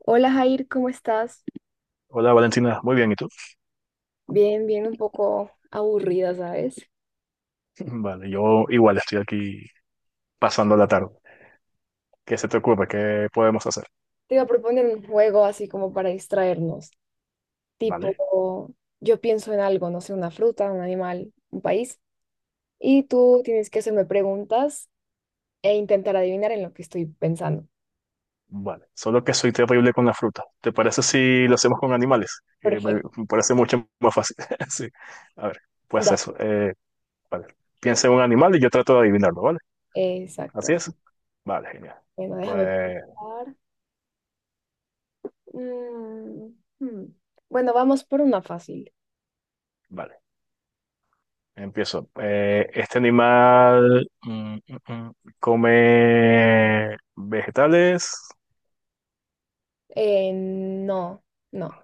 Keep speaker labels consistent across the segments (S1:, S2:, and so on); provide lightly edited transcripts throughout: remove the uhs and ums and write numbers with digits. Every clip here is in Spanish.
S1: Hola Jair, ¿cómo estás?
S2: Hola Valentina, muy bien, ¿y tú?
S1: Bien, bien, un poco aburrida, ¿sabes?
S2: Vale, yo igual estoy aquí pasando la tarde. ¿Qué se te ocurre? ¿Qué podemos hacer?
S1: Te iba a proponer un juego así como para distraernos,
S2: Vale,
S1: tipo, yo pienso en algo, no sé, una fruta, un animal, un país, y tú tienes que hacerme preguntas e intentar adivinar en lo que estoy pensando.
S2: vale. Solo que soy terrible con la fruta. ¿Te parece si lo hacemos con animales? Que me,
S1: Perfecto.
S2: me parece mucho más fácil. Sí. A ver, pues
S1: da-
S2: eso. Vale. Piensa en un animal y yo trato de adivinarlo, ¿vale? Así
S1: exacto.
S2: es. Vale, genial.
S1: Bueno, déjame
S2: Pues,
S1: pensar. Mm, hmm. Bueno, vamos por una fácil.
S2: vale. Empiezo. Este animal come vegetales,
S1: No, no.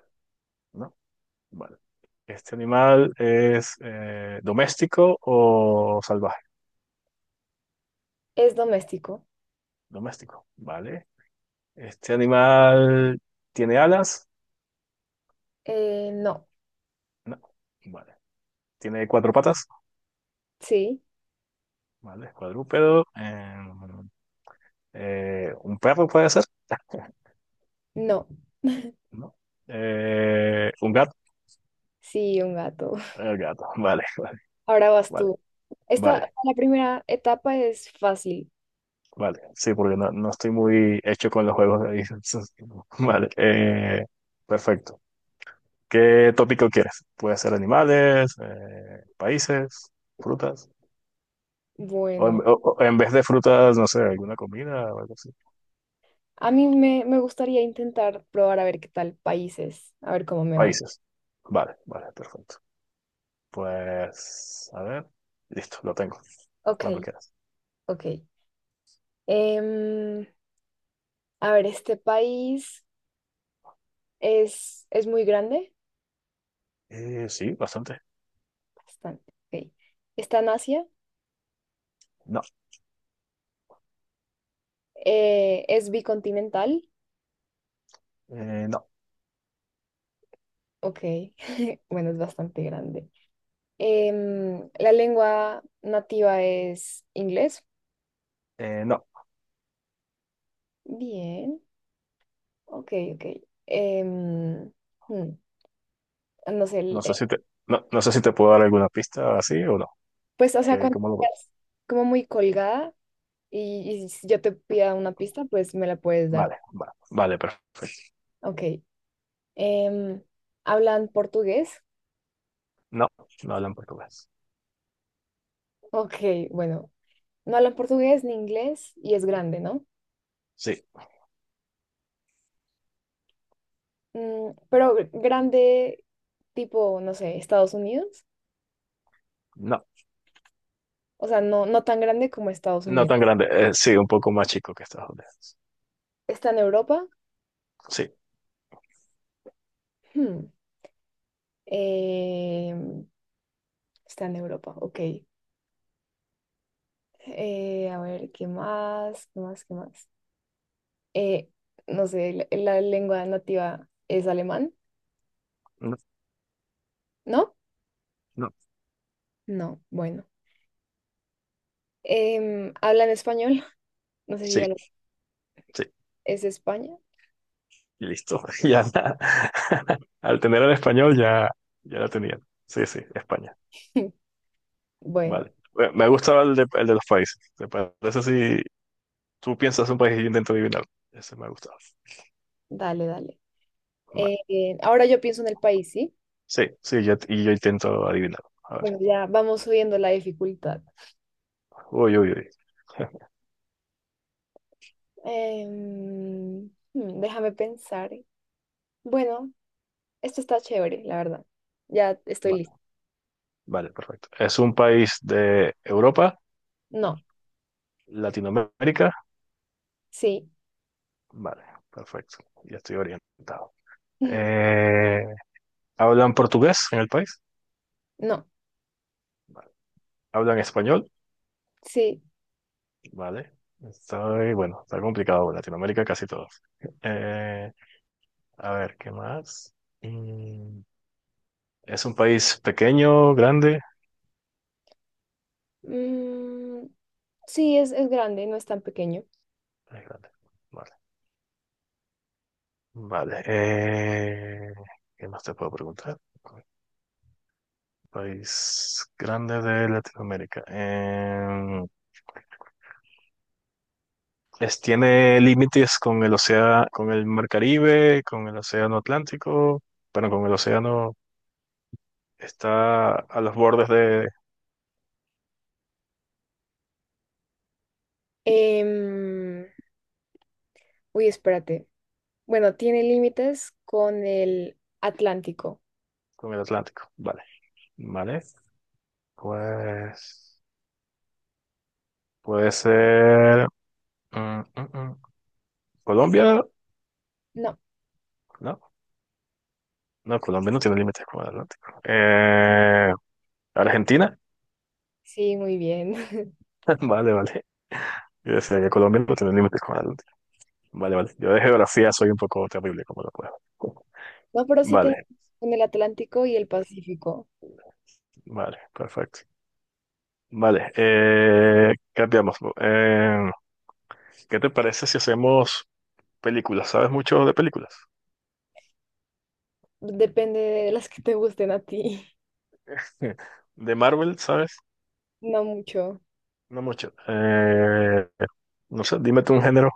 S2: ¿no? Vale. ¿Este animal es doméstico o salvaje?
S1: ¿Es doméstico?
S2: Doméstico, ¿vale? ¿Este animal tiene alas?
S1: No.
S2: No, vale. ¿Tiene cuatro patas?
S1: Sí,
S2: Vale, es cuadrúpedo. ¿Un perro puede ser?
S1: no.
S2: No. ¿Un gato?
S1: Sí, un gato.
S2: El gato, vale, vale,
S1: Ahora vas
S2: vale,
S1: tú. Esta,
S2: vale.
S1: la primera etapa es fácil.
S2: Vale, sí, porque no estoy muy hecho con los juegos de ahí. Entonces, Vale, perfecto. ¿Qué tópico quieres? Puede ser animales, países, frutas. O en,
S1: Bueno,
S2: o en vez de frutas, no sé, alguna comida o algo así.
S1: a mí me gustaría intentar probar a ver qué tal países, a ver cómo me va.
S2: Países. Vale, vale, perfecto. Pues, a ver. Listo, lo tengo.
S1: Ok,
S2: Cuando quieras.
S1: ok. Em, a ver, este país es muy grande.
S2: Sí, bastante.
S1: Bastante. Ok. Está en Asia.
S2: No,
S1: Es bicontinental.
S2: no,
S1: Ok, bueno, es bastante grande. La lengua nativa es inglés.
S2: no.
S1: Bien. Ok, ok. Em, mm, no sé,
S2: No sé si te, no, no sé si te puedo dar alguna pista así o no.
S1: pues, o sea,
S2: Que,
S1: cuando
S2: ¿cómo lo...
S1: estás como muy colgada y si yo te pida una pista, pues me la puedes dar.
S2: Vale, vale, perfecto.
S1: Ok. Em, ¿Hablan portugués?
S2: No, no hablan portugués.
S1: Ok, bueno, no hablan portugués ni inglés y es grande, ¿no?
S2: Sí,
S1: Pero grande tipo, no sé, Estados Unidos.
S2: no,
S1: O sea, no tan grande como Estados
S2: no
S1: Unidos.
S2: tan grande. Sí, un poco más chico que Estados Unidos.
S1: ¿Está en Europa?
S2: Sí.
S1: Hmm, em, Está en Europa, ok. A ver, ¿qué más? ¿Qué más? ¿Qué más? Eh, no sé, la lengua nativa es alemán,
S2: no,
S1: ¿no?
S2: No.
S1: No, bueno. ¿Hablan español? No sé si ya
S2: Sí,
S1: lo.
S2: sí,
S1: ¿Es España?
S2: listo. Ya, al tener el español ya, ya lo tenía. Sí, sí, España.
S1: Bueno,
S2: Vale. Bueno, Me gustaba el de los países. ¿Te parece si tú piensas un país y yo intento adivinar? Ese me ha gustado.
S1: dale, dale.
S2: Vale.
S1: Ahora yo pienso en el país, ¿sí?
S2: Sí, sí, y yo intento adivinar. A ver.
S1: Bueno, ya vamos subiendo la dificultad.
S2: Uy, uy, uy.
S1: Déjame pensar. Bueno, esto está chévere, la verdad. Ya estoy lista.
S2: Vale, vale, perfecto. ¿Es un país de Europa,
S1: No,
S2: Latinoamérica?
S1: sí,
S2: Vale, perfecto. Ya estoy orientado. Eh, ¿Hablan portugués en el país?
S1: no,
S2: ¿Hablan español?
S1: sí.
S2: Vale. está bueno, está complicado. Latinoamérica casi todos. Eh, a ver, ¿qué más? Mm, ¿es un país pequeño, grande?
S1: Mm, Sí, es grande, no es tan pequeño.
S2: Es grande. Vale. Vale. ¿Qué más te puedo preguntar? País grande de Latinoamérica. ¿Es, tiene límites con el océano, con el Mar Caribe, con el océano Atlántico? Bueno, con el océano está a los bordes de,
S1: Em, Uy, espérate. Bueno, tiene límites con el Atlántico.
S2: con el Atlántico. Vale. Vale. Pues puede ser mm, mm, mm. Colombia,
S1: No,
S2: no, no, Colombia no tiene límites con el Atlántico. Argentina,
S1: sí, muy bien.
S2: vale, vale. Yo decía que Colombia no tiene límites con el Atlántico. Vale, vale. Yo de geografía soy un poco terrible, como lo puedo.
S1: No, pero sí tenemos
S2: Vale,
S1: con el Atlántico y el Pacífico.
S2: vale, perfecto. Vale, cambiamos. ¿Qué te parece si hacemos películas? ¿Sabes mucho de películas?
S1: Depende de las que te gusten a ti.
S2: De Marvel, ¿sabes?
S1: No mucho.
S2: No mucho. No sé, dime tú un género.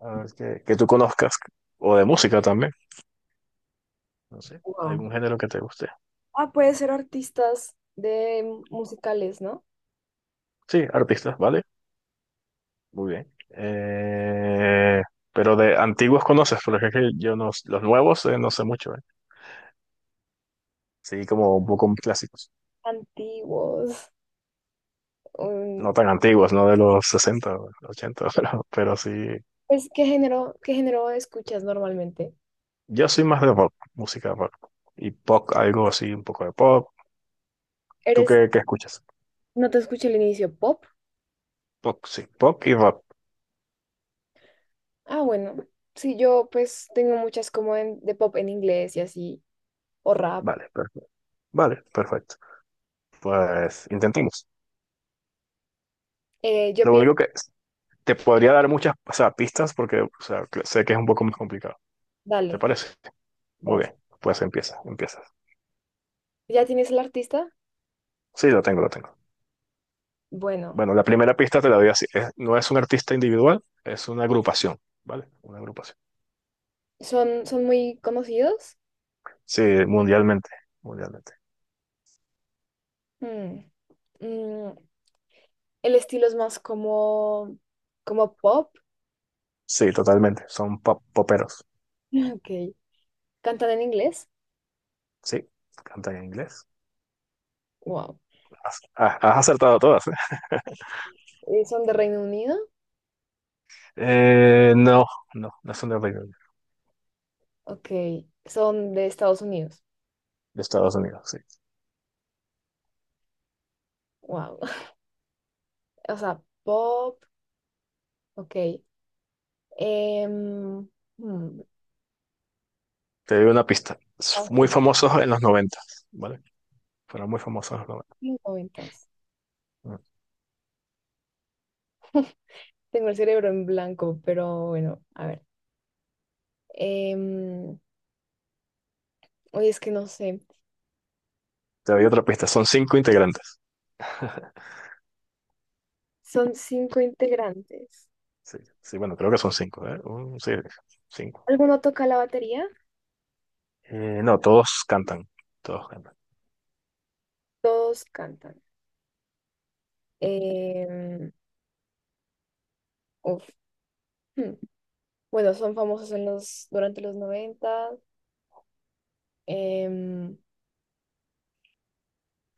S2: A ver, que tú conozcas, o de música también, no sé, algún
S1: Wow.
S2: género que te guste.
S1: Ah, puede ser artistas de musicales, ¿no?
S2: Sí, artistas, ¿vale? Muy bien. Pero de antiguos conoces, porque es que yo no, los nuevos no sé mucho, ¿eh? Sí, como un poco clásicos.
S1: Antiguos. um,
S2: No tan antiguos, no de los 60 o 80, pero sí.
S1: pues, ¿qué género escuchas normalmente?
S2: Yo soy más de rock, música rock. Y pop, algo así, un poco de pop. ¿Tú
S1: ¿Eres,
S2: qué escuchas?
S1: no te escuché el inicio, pop?
S2: Pop, sí, pop y rock.
S1: Ah, bueno, sí, yo pues tengo muchas como de pop en inglés y así, o rap.
S2: Vale, perfecto. Vale, perfecto. Pues intentemos.
S1: Yo
S2: Lo
S1: pienso,
S2: único que te podría dar muchas, o sea, pistas porque, o sea, sé que es un poco más complicado. ¿Te
S1: dale,
S2: parece? Muy
S1: dale.
S2: bien. Pues empieza, empiezas.
S1: ¿Ya tienes el artista?
S2: Sí, lo tengo, lo tengo.
S1: Bueno.
S2: Bueno, la primera pista te la doy así. No es un artista individual, es una agrupación, ¿vale? Una agrupación.
S1: ¿Son muy conocidos?
S2: Sí, mundialmente, mundialmente.
S1: Mm, mm, el estilo es más como pop.
S2: Sí, totalmente. Son poperos.
S1: Ok. ¿Cantan en inglés?
S2: Sí, cantan en inglés.
S1: Wow.
S2: Has acertado todas, ¿eh?
S1: ¿Son de Reino Unido?
S2: No, no, no son de Reino Unido,
S1: Ok. ¿Son de Estados Unidos?
S2: de Estados Unidos, sí.
S1: Wow. O sea, pop, ok. Em, hmm,
S2: Te doy una pista. Es Muy famosos en los 90, ¿vale? Fueron muy famosos en los
S1: 90.
S2: Mm.
S1: Tengo el cerebro en blanco, pero bueno, a ver. Em, Oye, es que no sé.
S2: Te doy otra pista, son cinco integrantes.
S1: Son cinco integrantes.
S2: Sí, sí, bueno, creo que son cinco, ¿eh? Sí, cinco.
S1: ¿Alguno toca la batería?
S2: No, todos cantan, todos cantan.
S1: Todos cantan. Em, uf, hmm. Bueno, son famosos en los, durante los noventa. Em,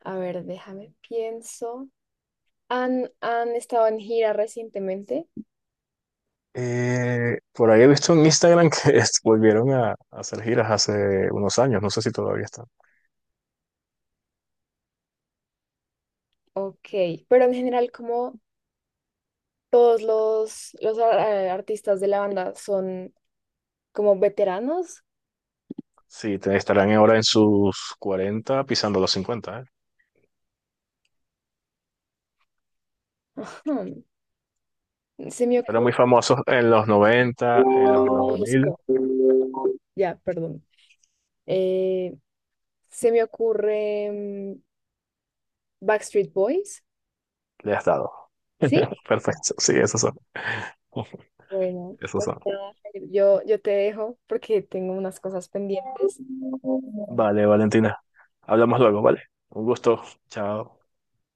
S1: a ver, déjame, pienso. ¿Han estado en gira recientemente?
S2: Por ahí he visto en Instagram que volvieron a hacer giras hace unos años, no sé si todavía están.
S1: Ok, pero en general, como todos los artistas de la banda son como veteranos.
S2: Sí, estarán ahora en sus 40 pisando los 50. ¿Eh?
S1: Ajá. Se me
S2: Fueron muy
S1: ocurre,
S2: famosos en los 90 en los 2000
S1: ya, perdón. Eh, Se me ocurre Backstreet Boys,
S2: Le has dado.
S1: ¿sí?
S2: Perfecto. Sí, esos son.
S1: Bueno,
S2: Esos
S1: pues
S2: son.
S1: nada, yo te dejo porque tengo unas cosas pendientes.
S2: Vale, Valentina. Hablamos luego, ¿vale? Un gusto. Chao.